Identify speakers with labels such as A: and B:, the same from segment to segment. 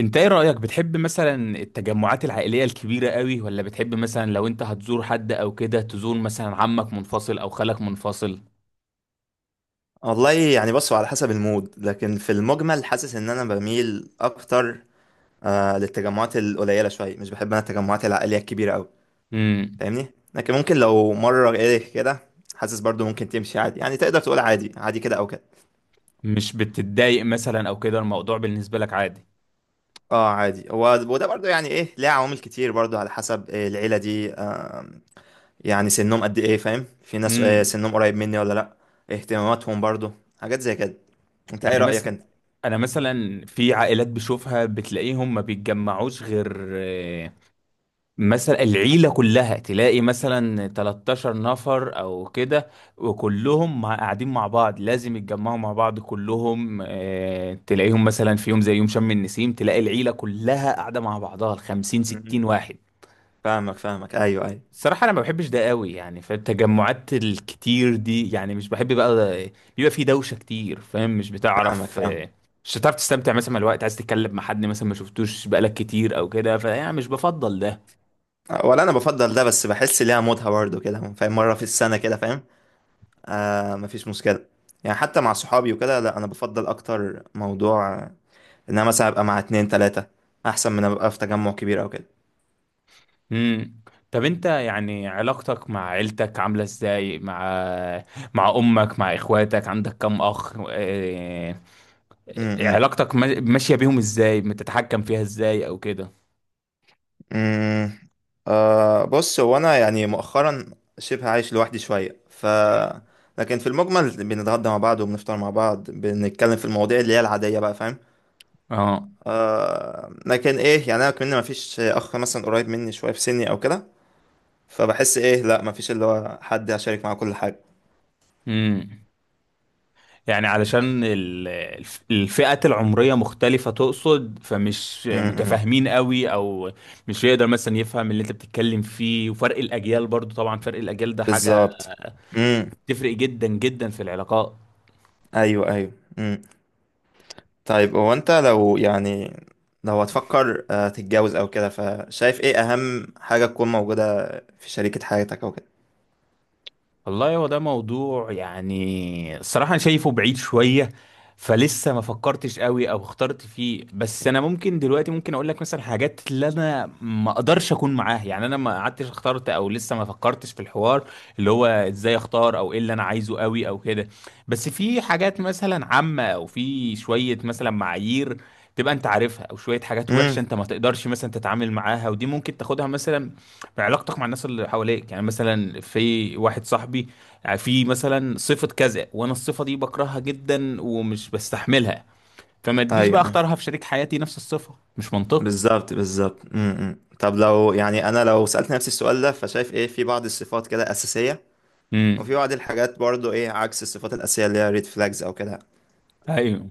A: انت ايه رأيك، بتحب مثلا التجمعات العائلية الكبيرة قوي، ولا بتحب مثلا لو انت هتزور حد او كده تزور مثلا عمك منفصل او خالك منفصل؟
B: والله يعني بصوا على حسب المود، لكن في المجمل حاسس ان انا بميل اكتر للتجمعات القليله شويه. مش بحب انا التجمعات العائليه الكبيره قوي،
A: امم.
B: فاهمني. لكن ممكن لو مره ايه كده، حاسس برضو ممكن تمشي عادي، يعني تقدر تقول عادي عادي كده او كده.
A: مش بتتضايق مثلا او كده، الموضوع بالنسبة لك عادي؟
B: اه عادي، هو وده برضو يعني ايه، ليه عوامل كتير برضو على حسب إيه العيله دي، يعني سنهم قد ايه، فاهم؟ في ناس
A: امم.
B: سنهم قريب مني ولا لا. اهتماماتهم برضو، حاجات زي كده. انت ايه
A: يعني
B: رايك
A: مثلا،
B: انت؟
A: انا مثلا في عائلات بشوفها بتلاقيهم ما بيتجمعوش غير مثلا العيلة كلها، تلاقي مثلا 13 نفر او كده، وكلهم قاعدين مع بعض، لازم يتجمعوا مع بعض كلهم. تلاقيهم مثلا في يوم زي يوم شم النسيم تلاقي العيلة كلها قاعدة مع بعضها ال 50
B: مم.
A: 60 واحد.
B: فاهمك فاهمك، ايوه ايوه.
A: الصراحة انا ما بحبش ده قوي، يعني فالتجمعات الكتير دي يعني مش بحب بقى. بيبقى في دوشة كتير، فاهم؟ مش
B: فاهمك
A: بتعرف.
B: فاهمك.
A: مش هتعرف تستمتع، مثلا مع الوقت عايز تتكلم مع حد مثلا ما شفتوش بقالك كتير او كده، فيعني مش بفضل ده.
B: ولا انا بفضل ده، بس بحس ليها مودها برضه كده، فاهم؟ مره في السنه كده، فاهم؟ مفيش مشكله. يعني حتى مع صحابي وكده لا، انا بفضل اكتر موضوع ان انا مثلا ابقى مع اتنين تلاته، احسن من ابقى في تجمع كبير او كده.
A: امم. طب انت يعني علاقتك مع عيلتك عاملة ازاي؟ مع امك، مع اخواتك، عندك كم اخ؟ اه...
B: امم.
A: علاقتك ماشية بيهم ازاي؟ بتتحكم فيها ازاي او كده؟
B: امم. بص، هو انا يعني مؤخرا شبه عايش لوحدي شويه،
A: مم.
B: لكن في المجمل بنتغدى مع بعض وبنفطر مع بعض، بنتكلم في المواضيع اللي هي العاديه بقى، فاهم؟
A: اه.
B: لكن ايه، يعني انا كمان مفيش اخ مثلا قريب مني شويه في سني او كده، فبحس ايه لا، مفيش اللي هو حد هشارك معاه كل حاجة.
A: امم. يعني علشان الفئات العمرية مختلفة تقصد، فمش
B: امم.
A: متفاهمين قوي، او مش يقدر مثلا يفهم اللي انت بتتكلم فيه، وفرق الاجيال برضو، طبعا فرق الاجيال ده حاجة
B: بالظبط. امم.
A: بتفرق جدا جدا في العلاقات.
B: ايوه ايوه. امم. طيب هو انت لو يعني، لو هتفكر تتجوز او كده، فشايف ايه اهم حاجة تكون موجودة في شريكة حياتك او كده؟
A: والله هو ده موضوع يعني الصراحة أنا شايفه بعيد شوية، فلسه ما فكرتش قوي أو اخترت فيه. بس أنا ممكن دلوقتي ممكن أقول لك مثلا حاجات اللي أنا ما أقدرش أكون معاها، يعني أنا ما قعدتش اخترت أو لسه ما فكرتش في الحوار اللي هو إزاي أختار أو إيه اللي أنا عايزه قوي أو كده. بس في حاجات مثلا عامة، أو في شوية مثلا معايير تبقى انت عارفها، او شويه حاجات وحشه
B: امم.
A: انت ما تقدرش مثلا تتعامل معاها، ودي ممكن تاخدها مثلا في علاقتك مع الناس اللي حواليك. يعني مثلا في واحد صاحبي، يعني في مثلا صفة كذا، وانا الصفة دي بكرهها جدا ومش بستحملها، فما
B: ايوه
A: تجيش بقى
B: أيوة.
A: اختارها في شريك حياتي نفس الصفة، مش منطقي.
B: بالظبط بالظبط. امم. إمم. طب لو يعني، انا لو سألت نفسي السؤال ده، فشايف ايه في بعض الصفات كده أساسية، وفي
A: امم.
B: بعض الحاجات برضو ايه عكس الصفات الأساسية اللي هي ريد فلاجز او كده.
A: ايوه.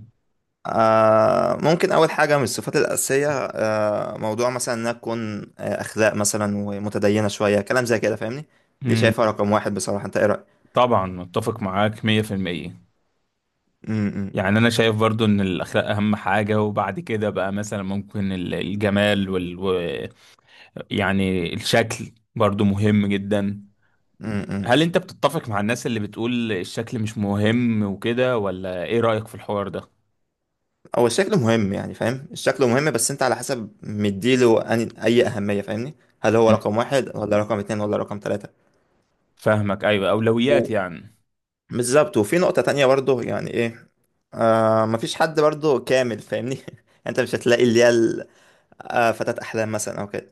B: ممكن أول حاجة من الصفات الأساسية، موضوع مثلا إنها تكون أخلاق مثلا ومتدينة شوية، كلام زي كده، فاهمني؟ دي شايفها
A: امم.
B: رقم واحد بصراحة. أنت إيه رأيك؟
A: طبعا متفق معاك 100%.
B: أمم،
A: يعني انا شايف برضو ان الاخلاق اهم حاجة، وبعد كده بقى مثلا ممكن الجمال يعني الشكل برضو مهم جدا.
B: أمم، أمم.
A: هل انت بتتفق مع الناس اللي بتقول الشكل مش مهم وكده، ولا ايه رأيك في الحوار ده؟
B: هو الشكل مهم، يعني فاهم، الشكل مهم، بس أنت على حسب مديله أي أهمية، فاهمني؟ هل هو
A: مم.
B: رقم واحد ولا رقم اتنين ولا رقم تلاتة؟
A: فاهمك، ايوه، اولويات
B: و-
A: يعني.
B: بالظبط. وفي نقطة تانية برضه يعني إيه، مفيش حد برضه كامل، فاهمني؟ أنت مش هتلاقي اللي هي فتاة أحلام مثلا أو كده.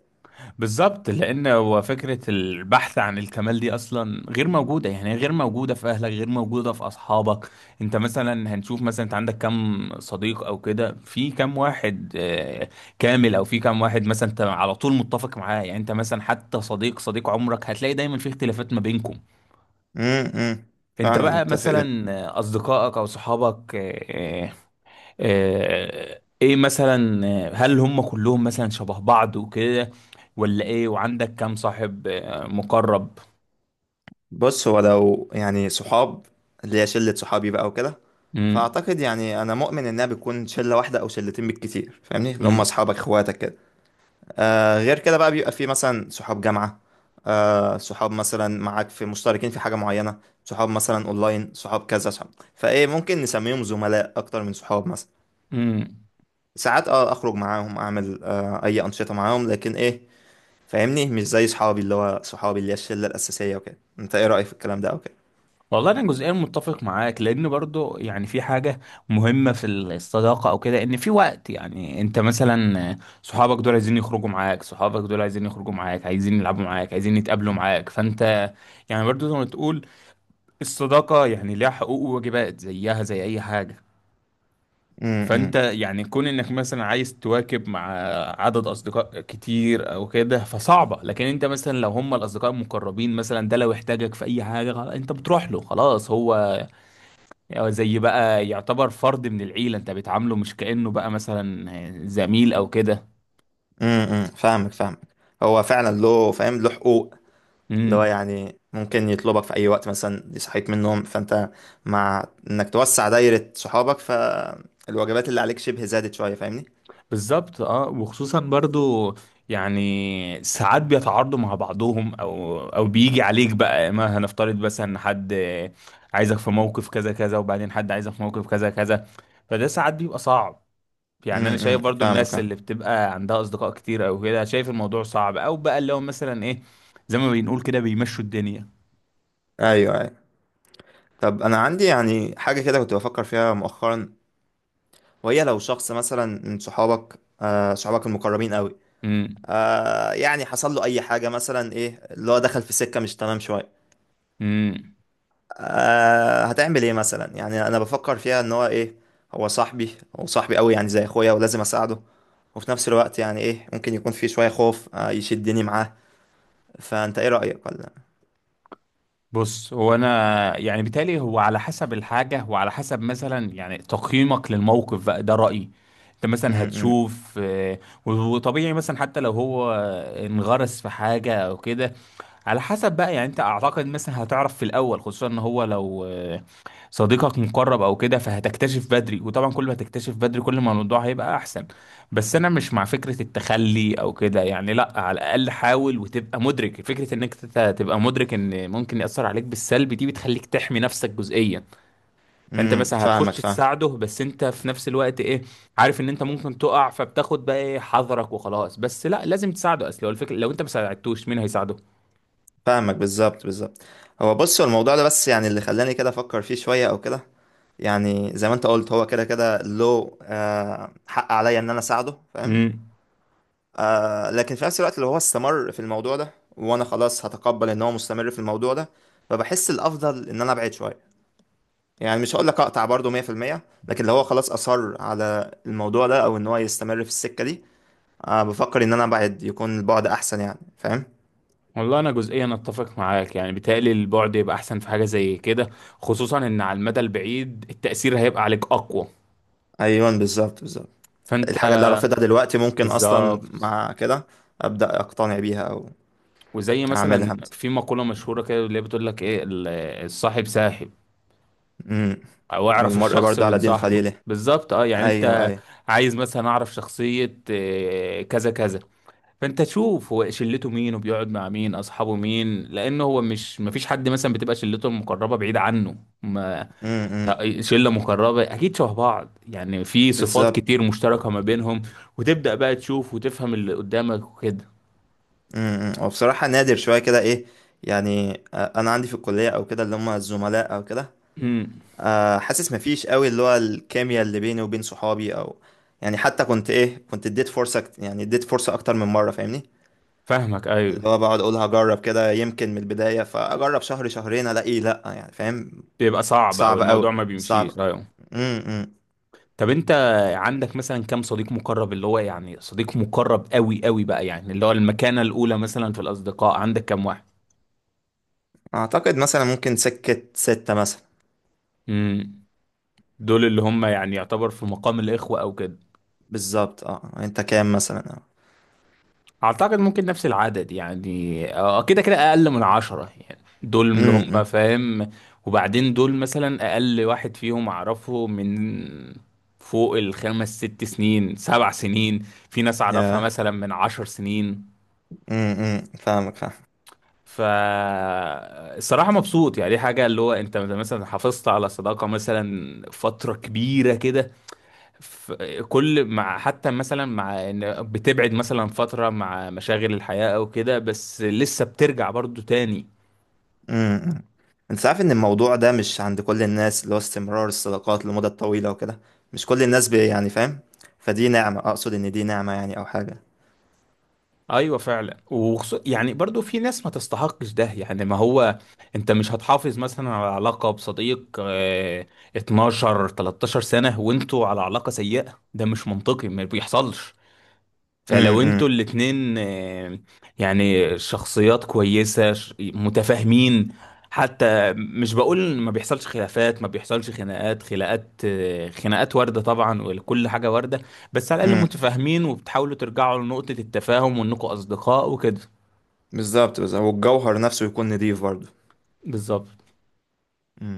A: بالظبط، لان هو فكرة البحث عن الكمال دي اصلا غير موجودة، يعني غير موجودة في اهلك، غير موجودة في اصحابك. انت مثلا هنشوف مثلا، انت عندك كم صديق او كده؟ في كم واحد كامل؟ او في كم واحد مثلا انت على طول متفق معاه؟ يعني انت مثلا حتى صديق صديق عمرك هتلاقي دايما في اختلافات ما بينكم.
B: امم امم.
A: انت
B: فعلا
A: بقى
B: متفق جدا.
A: مثلا اصدقائك او صحابك، ايه مثلا، هل هم كلهم مثلا شبه بعض وكده، ولا ايه؟ وعندك كام صاحب مقرب؟
B: بص، هو لو يعني صحاب، اللي هي شلة صحابي بقى وكده،
A: امم.
B: فأعتقد يعني أنا مؤمن إنها بتكون شلة واحدة أو شلتين بالكتير، فاهمني؟ اللي هم
A: امم.
B: أصحابك إخواتك كده. غير كده بقى، بيبقى في مثلا صحاب جامعة، صحاب مثلا معاك، في مشتركين في حاجة معينة، صحاب مثلا أونلاين، صحاب كذا صحاب، فإيه ممكن نسميهم زملاء أكتر من صحاب مثلا.
A: امم.
B: ساعات أخرج معاهم، أعمل أي أنشطة معاهم، لكن إيه، فاهمني؟ مش زي صحابي، اللي هو صحابي اللي هي الشله الاساسيه وكده. انت ايه رايك في الكلام ده او كده؟
A: والله انا جزئيا متفق معاك، لان برضو يعني في حاجه مهمه في الصداقه او كده، ان في وقت يعني انت مثلا، صحابك دول عايزين يخرجوا معاك صحابك دول عايزين يخرجوا معاك عايزين يلعبوا معاك، عايزين يتقابلوا معاك، فانت يعني برضو زي ما تقول الصداقة يعني ليها حقوق وواجبات، زيها زي أي حاجة. فأنت
B: امم
A: يعني كون إنك مثلا عايز تواكب مع عدد أصدقاء كتير أو كده فصعبة، لكن أنت مثلا لو هم الأصدقاء المقربين مثلا، ده لو احتاجك في أي حاجة خلاص أنت بتروح له. خلاص هو زي بقى يعتبر فرد من العيلة، أنت بتعامله مش كأنه بقى مثلا زميل أو كده.
B: امم. فاهمك فاهمك. هو فعلا له، فاهم؟ له حقوق، اللي هو
A: امم.
B: يعني ممكن يطلبك في اي وقت مثلا، دي صحيت من النوم فانت. مع انك توسع دايره صحابك، فالواجبات اللي عليك شبه زادت شويه، فاهمني؟
A: بالظبط. اه، وخصوصا برضو يعني ساعات بيتعارضوا مع بعضهم، او بيجي عليك بقى، ما هنفترض بس ان حد عايزك في موقف كذا كذا، وبعدين حد عايزك في موقف كذا كذا، فده ساعات بيبقى صعب. يعني انا شايف برضو
B: فاهمك
A: الناس
B: فاهم.
A: اللي بتبقى عندها اصدقاء كتير او كده، شايف الموضوع صعب، او بقى اللي هو مثلا ايه زي ما بنقول كده بيمشوا الدنيا.
B: ايوه ايوه. طب انا عندي يعني حاجه كده كنت بفكر فيها مؤخرا، وهي لو شخص مثلا من صحابك، صحابك المقربين قوي،
A: امم.
B: يعني حصل له اي حاجه مثلا، ايه اللي هو دخل في سكه مش تمام شويه،
A: إمم.
B: هتعمل ايه مثلا؟ يعني انا بفكر فيها، ان هو ايه، هو صاحبي، هو صاحبي قوي، يعني زي اخويا، ولازم اساعده، وفي نفس الوقت يعني ايه، ممكن يكون في شويه خوف يشدني معاه، فانت ايه رايك ولا؟
A: بص هو انا يعني بالتالي هو على حسب الحاجه، وعلى حسب مثلا يعني تقييمك للموقف بقى ده رايي. انت مثلا
B: امم
A: هتشوف، وطبيعي مثلا حتى لو هو انغرس في حاجه او كده، على حسب بقى. يعني انت اعتقد مثلا هتعرف في الاول، خصوصا ان هو لو صديقك مقرب او كده فهتكتشف بدري، وطبعا كل ما تكتشف بدري كل ما الموضوع هيبقى احسن. بس انا مش مع فكرة التخلي او كده، يعني لا، على الاقل حاول وتبقى مدرك فكرة انك تبقى مدرك ان ممكن يأثر عليك بالسلب، دي بتخليك تحمي نفسك جزئيا. فانت
B: امم.
A: مثلا هتخش
B: فاهمك فاهم.
A: تساعده، بس انت في نفس الوقت ايه عارف ان انت ممكن تقع، فبتاخد بقى ايه حذرك وخلاص. بس لا، لازم تساعده، اصل هو الفكرة لو انت ما ساعدتوش مين هيساعده.
B: فاهمك بالظبط بالظبط. هو بص، هو الموضوع ده بس يعني اللي خلاني كده افكر فيه شويه او كده، يعني زي ما انت قلت، هو كده كده له حق عليا ان انا اساعده، فاهم؟
A: امم.
B: لكن في نفس الوقت، لو هو استمر في الموضوع ده وانا خلاص هتقبل ان هو مستمر في الموضوع ده، فبحس الافضل ان انا ابعد شويه، يعني مش هقول لك اقطع برضه 100%، لكن لو هو خلاص اصر على الموضوع ده او ان هو يستمر في السكه دي، بفكر ان انا ابعد، يكون البعد احسن، يعني فاهم؟
A: والله انا جزئيا اتفق معاك، يعني بيتهيألي البعد يبقى احسن في حاجه زي كده، خصوصا ان على المدى البعيد التاثير هيبقى عليك اقوى.
B: ايوه بالظبط بالظبط.
A: فانت
B: الحاجه اللي أنا رافضها دلوقتي ممكن اصلا
A: بالظبط.
B: مع كده ابدا اقتنع بيها او
A: وزي مثلا
B: اعملها مثلا.
A: في مقوله مشهوره كده اللي هي بتقول لك ايه الصاحب ساحب،
B: امم.
A: او اعرف
B: والمرء
A: الشخص
B: برضه
A: من
B: على دين
A: صاحبه.
B: خليله.
A: بالظبط اه، يعني
B: ايوه
A: انت
B: ايوه.
A: عايز مثلا اعرف شخصيه كذا كذا، فانت تشوف هو شلته مين، وبيقعد مع مين، اصحابه مين، لانه هو مش مفيش حد مثلا بتبقى شلته المقربه بعيد عنه. ما
B: امم.
A: شله مقربه اكيد شبه بعض، يعني في صفات
B: بالظبط.
A: كتير مشتركه ما بينهم، وتبدا بقى تشوف وتفهم اللي قدامك وكده.
B: امم. وبصراحة نادر شوية كده، ايه، يعني انا عندي في الكلية او كده اللي هم الزملاء او كده،
A: امم.
B: حاسس مفيش قوي اللي هو الكيمياء اللي بيني وبين صحابي او، يعني حتى كنت اديت فرصة، اكتر من مرة، فاهمني؟
A: فاهمك
B: اللي
A: ايوه.
B: هو بقعد اقول هجرب كده يمكن من البداية، فاجرب شهر شهرين الاقيه لا، يعني فاهم؟
A: بيبقى صعب او
B: صعب
A: الموضوع
B: قوي
A: ما بيمشيش،
B: صعب.
A: ايوه.
B: امم امم.
A: طب انت عندك مثلا كام صديق مقرب، اللي هو يعني صديق مقرب قوي قوي بقى، يعني اللي هو المكانه الاولى مثلا في الاصدقاء عندك كام واحد؟
B: اعتقد مثلا ممكن سكة ستة مثلا.
A: امم. دول اللي هم يعني يعتبر في مقام الاخوه او كده.
B: بالظبط. اه انت كام مثلا
A: اعتقد ممكن نفس العدد، يعني كده كده اقل من 10 يعني، دول اللي هم
B: امم.
A: فاهم. وبعدين دول مثلا اقل واحد فيهم اعرفه من فوق الخمس ست سنين، سبع سنين. في ناس اعرفها
B: يا
A: مثلا من 10 سنين.
B: فاهمك فاهمك.
A: ف الصراحة مبسوط، يعني دي حاجة اللي هو انت مثلا حافظت على صداقة مثلا فترة كبيرة كده، ف- كل مع حتى مثلا مع ان بتبعد مثلا فترة مع مشاغل الحياة او كده، بس لسه بترجع برضو تاني.
B: امم. انت عارف ان الموضوع ده مش عند كل الناس، اللي هو استمرار الصداقات لمدة طويلة وكده، مش كل الناس يعني فاهم؟ فدي نعمة، اقصد ان دي نعمة يعني، او حاجة.
A: ايوه فعلا، يعني برضو في ناس ما تستحقش ده، يعني ما هو انت مش هتحافظ مثلا على علاقة بصديق 12 13 سنة وانتوا على علاقة سيئة، ده مش منطقي، ما بيحصلش. فلو
B: امم
A: انتوا الاتنين، يعني شخصيات كويسة متفاهمين، حتى مش بقول ما بيحصلش خلافات، ما بيحصلش خناقات. خناقات خناقات واردة طبعا، وكل حاجة واردة. بس على الأقل
B: امم.
A: متفاهمين، وبتحاولوا ترجعوا لنقطة التفاهم وانكم أصدقاء وكده.
B: بالظبط بالظبط. والجوهر نفسه يكون نضيف برضه.
A: بالظبط.
B: امم.